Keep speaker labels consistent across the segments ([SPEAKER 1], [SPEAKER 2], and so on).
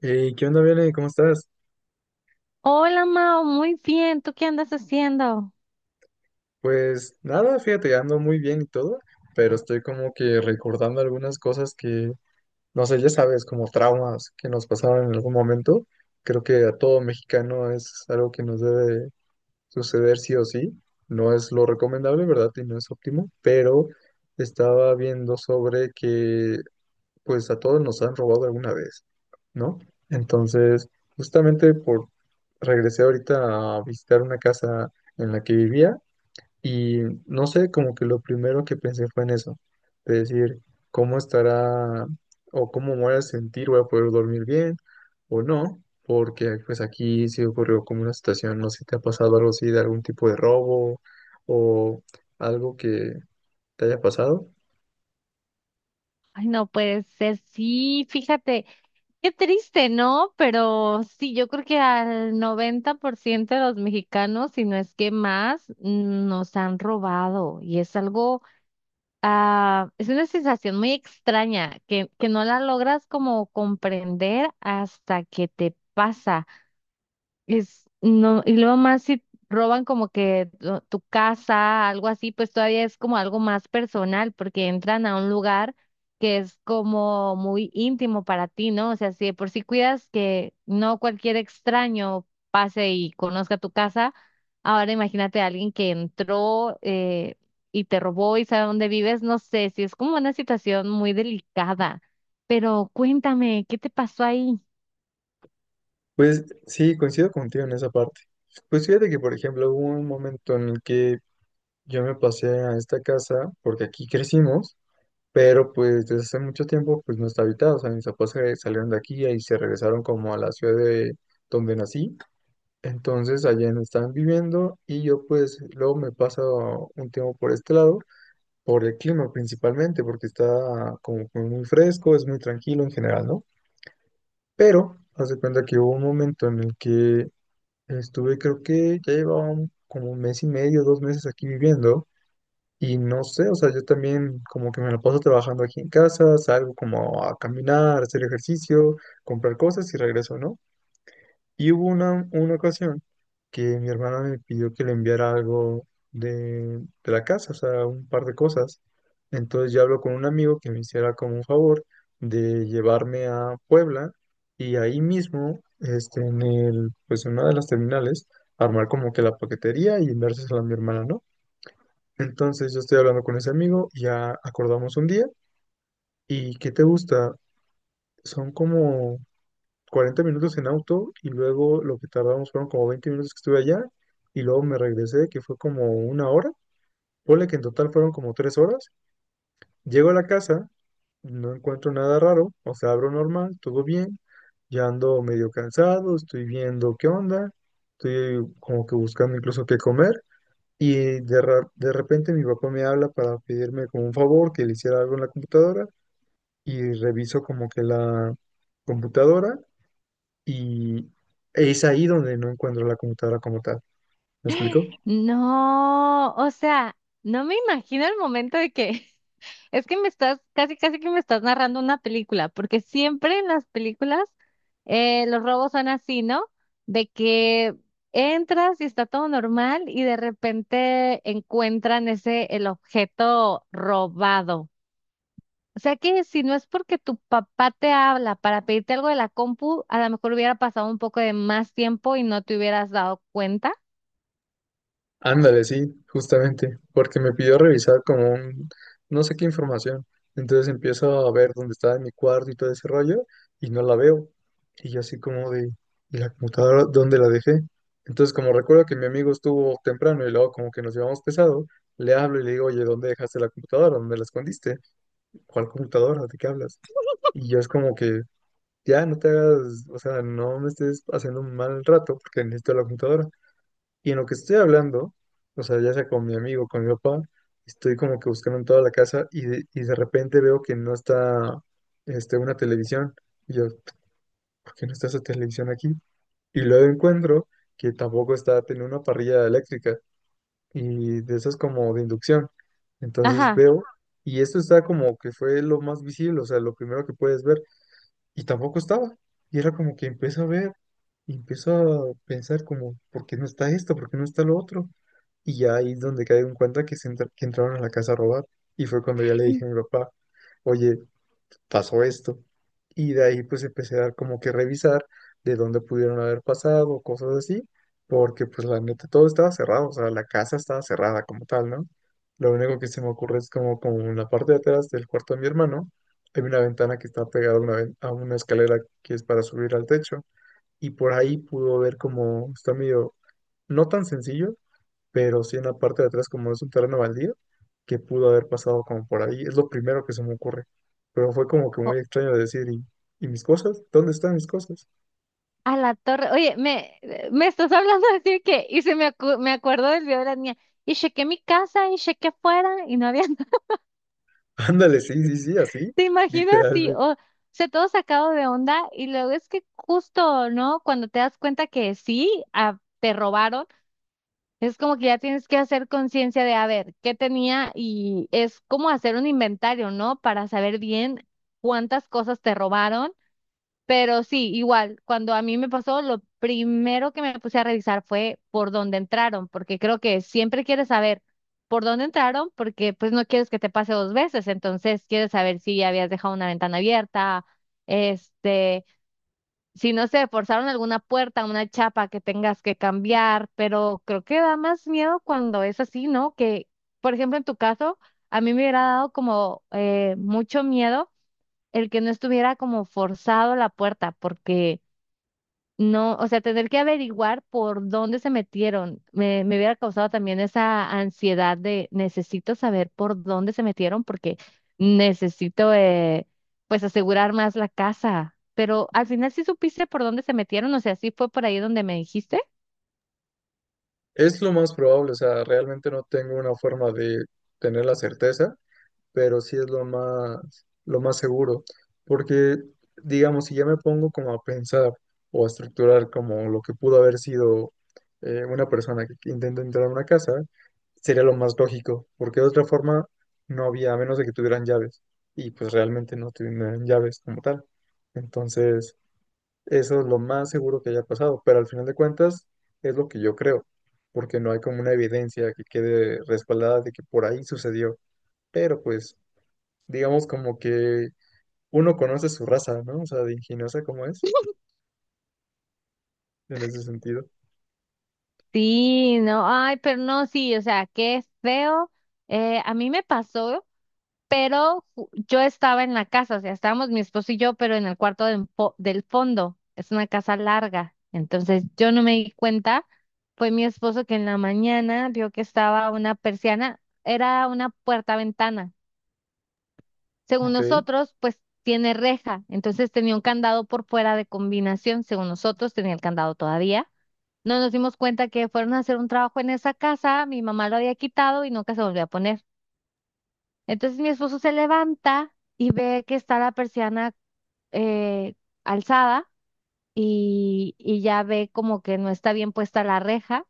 [SPEAKER 1] Hey, ¿qué onda, Bele? ¿Cómo estás?
[SPEAKER 2] Hola Mao, muy bien. ¿Tú qué andas haciendo?
[SPEAKER 1] Pues nada, fíjate, ando muy bien y todo, pero estoy como que recordando algunas cosas que, no sé, ya sabes, como traumas que nos pasaron en algún momento. Creo que a todo mexicano es algo que nos debe suceder sí o sí. No es lo recomendable, ¿verdad? Y no es óptimo, pero estaba viendo sobre que pues a todos nos han robado alguna vez, ¿no? Entonces, justamente por regresé ahorita a visitar una casa en la que vivía y no sé, como que lo primero que pensé fue en eso, de decir, ¿cómo estará o cómo me voy a sentir? ¿Voy a poder dormir bien o no? Porque pues aquí sí ocurrió como una situación, no sé si te ha pasado algo así de algún tipo de robo o algo que te haya pasado.
[SPEAKER 2] Ay, no puede ser. Sí, fíjate, qué triste, ¿no? Pero sí, yo creo que al 90% de los mexicanos, si no es que más, nos han robado. Y es algo, es una sensación muy extraña que no la logras como comprender hasta que te pasa. Es, no, y luego más si roban como que tu casa, algo así, pues todavía es como algo más personal, porque entran a un lugar que es como muy íntimo para ti, ¿no? O sea, si de por sí cuidas que no cualquier extraño pase y conozca tu casa, ahora imagínate a alguien que entró y te robó y sabe dónde vives, no sé, si es como una situación muy delicada. Pero cuéntame, ¿qué te pasó ahí?
[SPEAKER 1] Pues sí, coincido contigo en esa parte. Pues fíjate que, por ejemplo, hubo un momento en el que yo me pasé a esta casa porque aquí crecimos, pero pues desde hace mucho tiempo pues no está habitada, o sea, mis papás se salieron de aquí y se regresaron como a la ciudad de donde nací, entonces allá no estaban viviendo y yo pues luego me paso un tiempo por este lado, por el clima principalmente, porque está como que muy fresco, es muy tranquilo en general, ¿no? Pero, haz de cuenta que hubo un momento en el que estuve, creo que ya llevaba como un mes y medio, 2 meses aquí viviendo y no sé, o sea, yo también como que me la paso trabajando aquí en casa, salgo como a caminar, hacer ejercicio, comprar cosas y regreso, ¿no? Y hubo una ocasión que mi hermana me pidió que le enviara algo de la casa, o sea, un par de cosas. Entonces yo hablo con un amigo que me hiciera como un favor de llevarme a Puebla y ahí mismo, este, en el, pues en una de las terminales, armar como que la paquetería y enviársela a mi hermana, ¿no? Entonces yo estoy hablando con ese amigo, ya acordamos un día y ¿qué te gusta? Son como 40 minutos en auto y luego lo que tardamos fueron como 20 minutos que estuve allá y luego me regresé, que fue como una hora. Ponle que en total fueron como 3 horas. Llego a la casa, no encuentro nada raro, o sea, abro normal, todo bien. Ya ando medio cansado, estoy viendo qué onda, estoy como que buscando incluso qué comer. Y de, de repente mi papá me habla para pedirme como un favor que le hiciera algo en la computadora y reviso como que la computadora y es ahí donde no encuentro la computadora como tal. ¿Me explico?
[SPEAKER 2] No, o sea, no me imagino el momento de que es que me estás, casi, casi que me estás narrando una película, porque siempre en las películas los robos son así, ¿no? De que entras y está todo normal y de repente encuentran ese, el objeto robado. O sea que si no es porque tu papá te habla para pedirte algo de la compu, a lo mejor hubiera pasado un poco de más tiempo y no te hubieras dado cuenta.
[SPEAKER 1] Ándale, sí, justamente, porque me pidió revisar como un, no sé qué información. Entonces empiezo a ver dónde está en mi cuarto y todo ese rollo y no la veo. Y yo así como de, ¿y la computadora dónde la dejé? Entonces como recuerdo que mi amigo estuvo temprano y luego como que nos llevamos pesado, le hablo y le digo, oye, ¿dónde dejaste la computadora? ¿Dónde la escondiste? ¿Cuál computadora? ¿De qué hablas? Y yo es como que ya no te hagas, o sea, no me estés haciendo un mal rato porque necesito la computadora. Y en lo que estoy hablando, o sea, ya sea con mi amigo, con mi papá, estoy como que buscando en toda la casa y de repente veo que no está este, una televisión. Y yo, ¿por qué no está esa televisión aquí? Y luego encuentro que tampoco está, tiene una parrilla eléctrica y de esas como de inducción. Entonces
[SPEAKER 2] Ajá.
[SPEAKER 1] veo, y esto está como que fue lo más visible, o sea, lo primero que puedes ver y tampoco estaba. Y era como que empiezo a ver, y empiezo a pensar como, ¿por qué no está esto? ¿Por qué no está lo otro? Y ya ahí es donde caigo en cuenta que, que entraron a la casa a robar. Y fue cuando ya le dije a mi papá, oye, pasó esto. Y de ahí pues empecé a dar como que revisar de dónde pudieron haber pasado, cosas así, porque pues la neta todo estaba cerrado, o sea, la casa estaba cerrada como tal, ¿no? Lo único que se me ocurre es como, como en la parte de atrás del cuarto de mi hermano, hay una ventana que está pegada a una, a una escalera que es para subir al techo, y por ahí pudo ver como, está medio, no tan sencillo, pero sí en la parte de atrás, como es un terreno baldío, que pudo haber pasado como por ahí. Es lo primero que se me ocurre. Pero fue como que muy extraño de decir, ¿y mis cosas? ¿Dónde están mis cosas?
[SPEAKER 2] A la torre. Oye, me estás hablando así que, y se me, me acuerdo del video de la niña. Y chequé mi casa y chequé afuera y no había nada.
[SPEAKER 1] Ándale, sí, sí, sí, así,
[SPEAKER 2] ¿Te imaginas?
[SPEAKER 1] literalmente.
[SPEAKER 2] Sí, o sea, todo sacado de onda. Y luego es que justo, ¿no? Cuando te das cuenta que sí, te robaron, es como que ya tienes que hacer conciencia de, a ver, qué tenía y es como hacer un inventario, ¿no? Para saber bien cuántas cosas te robaron. Pero sí, igual, cuando a mí me pasó, lo primero que me puse a revisar fue por dónde entraron, porque creo que siempre quieres saber por dónde entraron, porque pues no quieres que te pase dos veces, entonces quieres saber si ya habías dejado una ventana abierta, este, si no sé, forzaron alguna puerta, una chapa que tengas que cambiar, pero creo que da más miedo cuando es así, ¿no? Que, por ejemplo, en tu caso, a mí me hubiera dado como mucho miedo el que no estuviera como forzado la puerta, porque no, o sea, tener que averiguar por dónde se metieron, me hubiera causado también esa ansiedad de necesito saber por dónde se metieron porque necesito, pues, asegurar más la casa. Pero al final sí supiste por dónde se metieron, o sea, sí fue por ahí donde me dijiste.
[SPEAKER 1] Es lo más probable, o sea, realmente no tengo una forma de tener la certeza, pero sí es lo más seguro, porque digamos, si ya me pongo como a pensar o a estructurar como lo que pudo haber sido una persona que intenta entrar a una casa, sería lo más lógico, porque de otra forma no había, a menos de que tuvieran llaves, y pues realmente no tuvieran llaves como tal. Entonces, eso es lo más seguro que haya pasado, pero al final de cuentas es lo que yo creo, porque no hay como una evidencia que quede respaldada de que por ahí sucedió, pero pues digamos como que uno conoce su raza, ¿no? O sea, de ingeniosa como es, en ese sentido.
[SPEAKER 2] Sí, no, ay, pero no, sí, o sea, qué feo. A mí me pasó. Pero yo estaba en la casa, o sea, estábamos mi esposo y yo, pero en el cuarto del, del fondo. Es una casa larga, entonces yo no me di cuenta. Fue mi esposo que en la mañana vio que estaba una persiana, era una puerta-ventana. Según
[SPEAKER 1] Ok.
[SPEAKER 2] nosotros, pues tiene reja, entonces tenía un candado por fuera de combinación, según nosotros tenía el candado todavía. No nos dimos cuenta que fueron a hacer un trabajo en esa casa, mi mamá lo había quitado y nunca se volvió a poner. Entonces mi esposo se levanta y ve que está la persiana eh, alzada y ya ve como que no está bien puesta la reja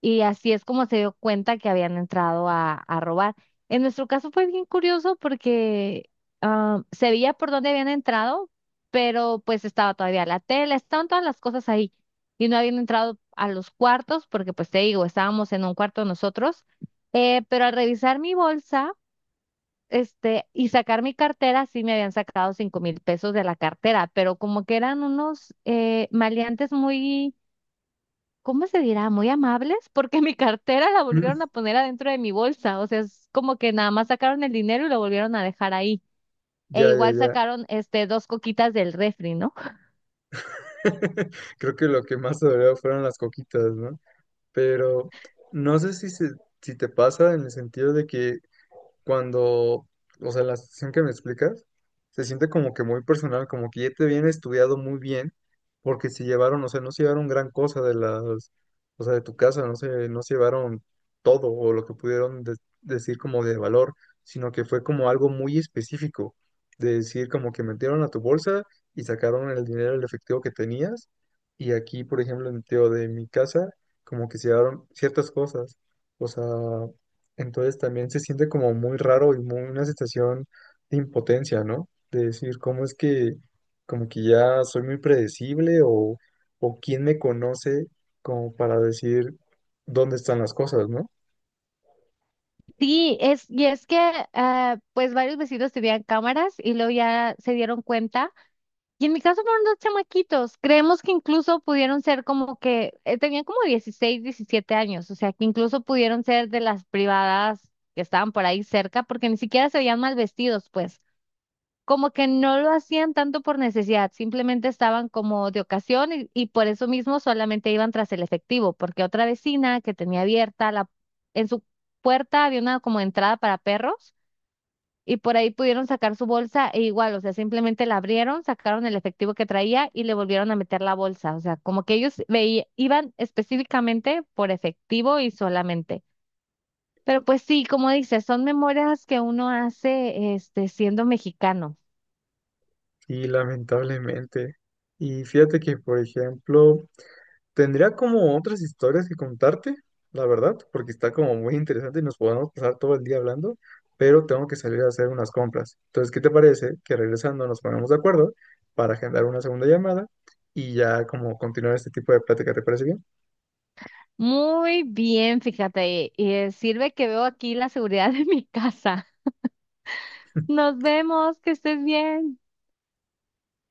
[SPEAKER 2] y así es como se dio cuenta que habían entrado a robar. En nuestro caso fue bien curioso porque se veía por dónde habían entrado, pero pues estaba todavía la tela, estaban todas las cosas ahí y no habían entrado a los cuartos porque pues te digo, estábamos en un cuarto nosotros, pero al revisar mi bolsa este, y sacar mi cartera, sí me habían sacado 5,000 pesos de la cartera, pero como que eran unos maleantes muy, ¿cómo se dirá? Muy amables, porque mi cartera la volvieron
[SPEAKER 1] Mm.
[SPEAKER 2] a poner adentro de mi bolsa, o sea, es como que nada más sacaron el dinero y lo volvieron a dejar ahí. E
[SPEAKER 1] Ya, ya,
[SPEAKER 2] igual
[SPEAKER 1] ya.
[SPEAKER 2] sacaron este dos coquitas del refri, ¿no?
[SPEAKER 1] Creo que lo que más dolió fueron las coquitas, ¿no? Pero no sé si, si te pasa en el sentido de que cuando, o sea, la situación que me explicas, se siente como que muy personal, como que ya te viene estudiado muy bien, porque se llevaron, o sea, no se llevaron gran cosa de las, o sea, de tu casa, no se llevaron todo o lo que pudieron decir como de valor, sino que fue como algo muy específico, de decir como que metieron a tu bolsa y sacaron el dinero, el efectivo que tenías, y aquí, por ejemplo, en el tío de mi casa, como que se llevaron ciertas cosas, o sea... Entonces también se siente como muy raro y muy una sensación de impotencia, ¿no? De decir, ¿cómo es que como que ya soy muy predecible o quién me conoce como para decir dónde están las cosas, ¿no?
[SPEAKER 2] Sí, es, y es que pues varios vecinos tenían cámaras y luego ya se dieron cuenta. Y en mi caso fueron dos chamaquitos. Creemos que incluso pudieron ser como que tenían como 16, 17 años, o sea, que incluso pudieron ser de las privadas que estaban por ahí cerca, porque ni siquiera se veían mal vestidos, pues. Como que no lo hacían tanto por necesidad, simplemente estaban como de ocasión y por eso mismo solamente iban tras el efectivo, porque otra vecina que tenía abierta en su puerta había una como entrada para perros y por ahí pudieron sacar su bolsa e igual, o sea, simplemente la abrieron, sacaron el efectivo que traía y le volvieron a meter la bolsa, o sea, como que ellos veía, iban específicamente por efectivo y solamente. Pero pues sí, como dices, son memorias que uno hace este siendo mexicano.
[SPEAKER 1] Y lamentablemente. Y fíjate que, por ejemplo, tendría como otras historias que contarte, la verdad, porque está como muy interesante y nos podemos pasar todo el día hablando, pero tengo que salir a hacer unas compras. Entonces, ¿qué te parece que regresando nos ponemos de acuerdo para agendar una segunda llamada y ya como continuar este tipo de plática? ¿Te parece bien?
[SPEAKER 2] Muy bien, fíjate, y sirve que veo aquí la seguridad de mi casa. Nos vemos, que estés bien.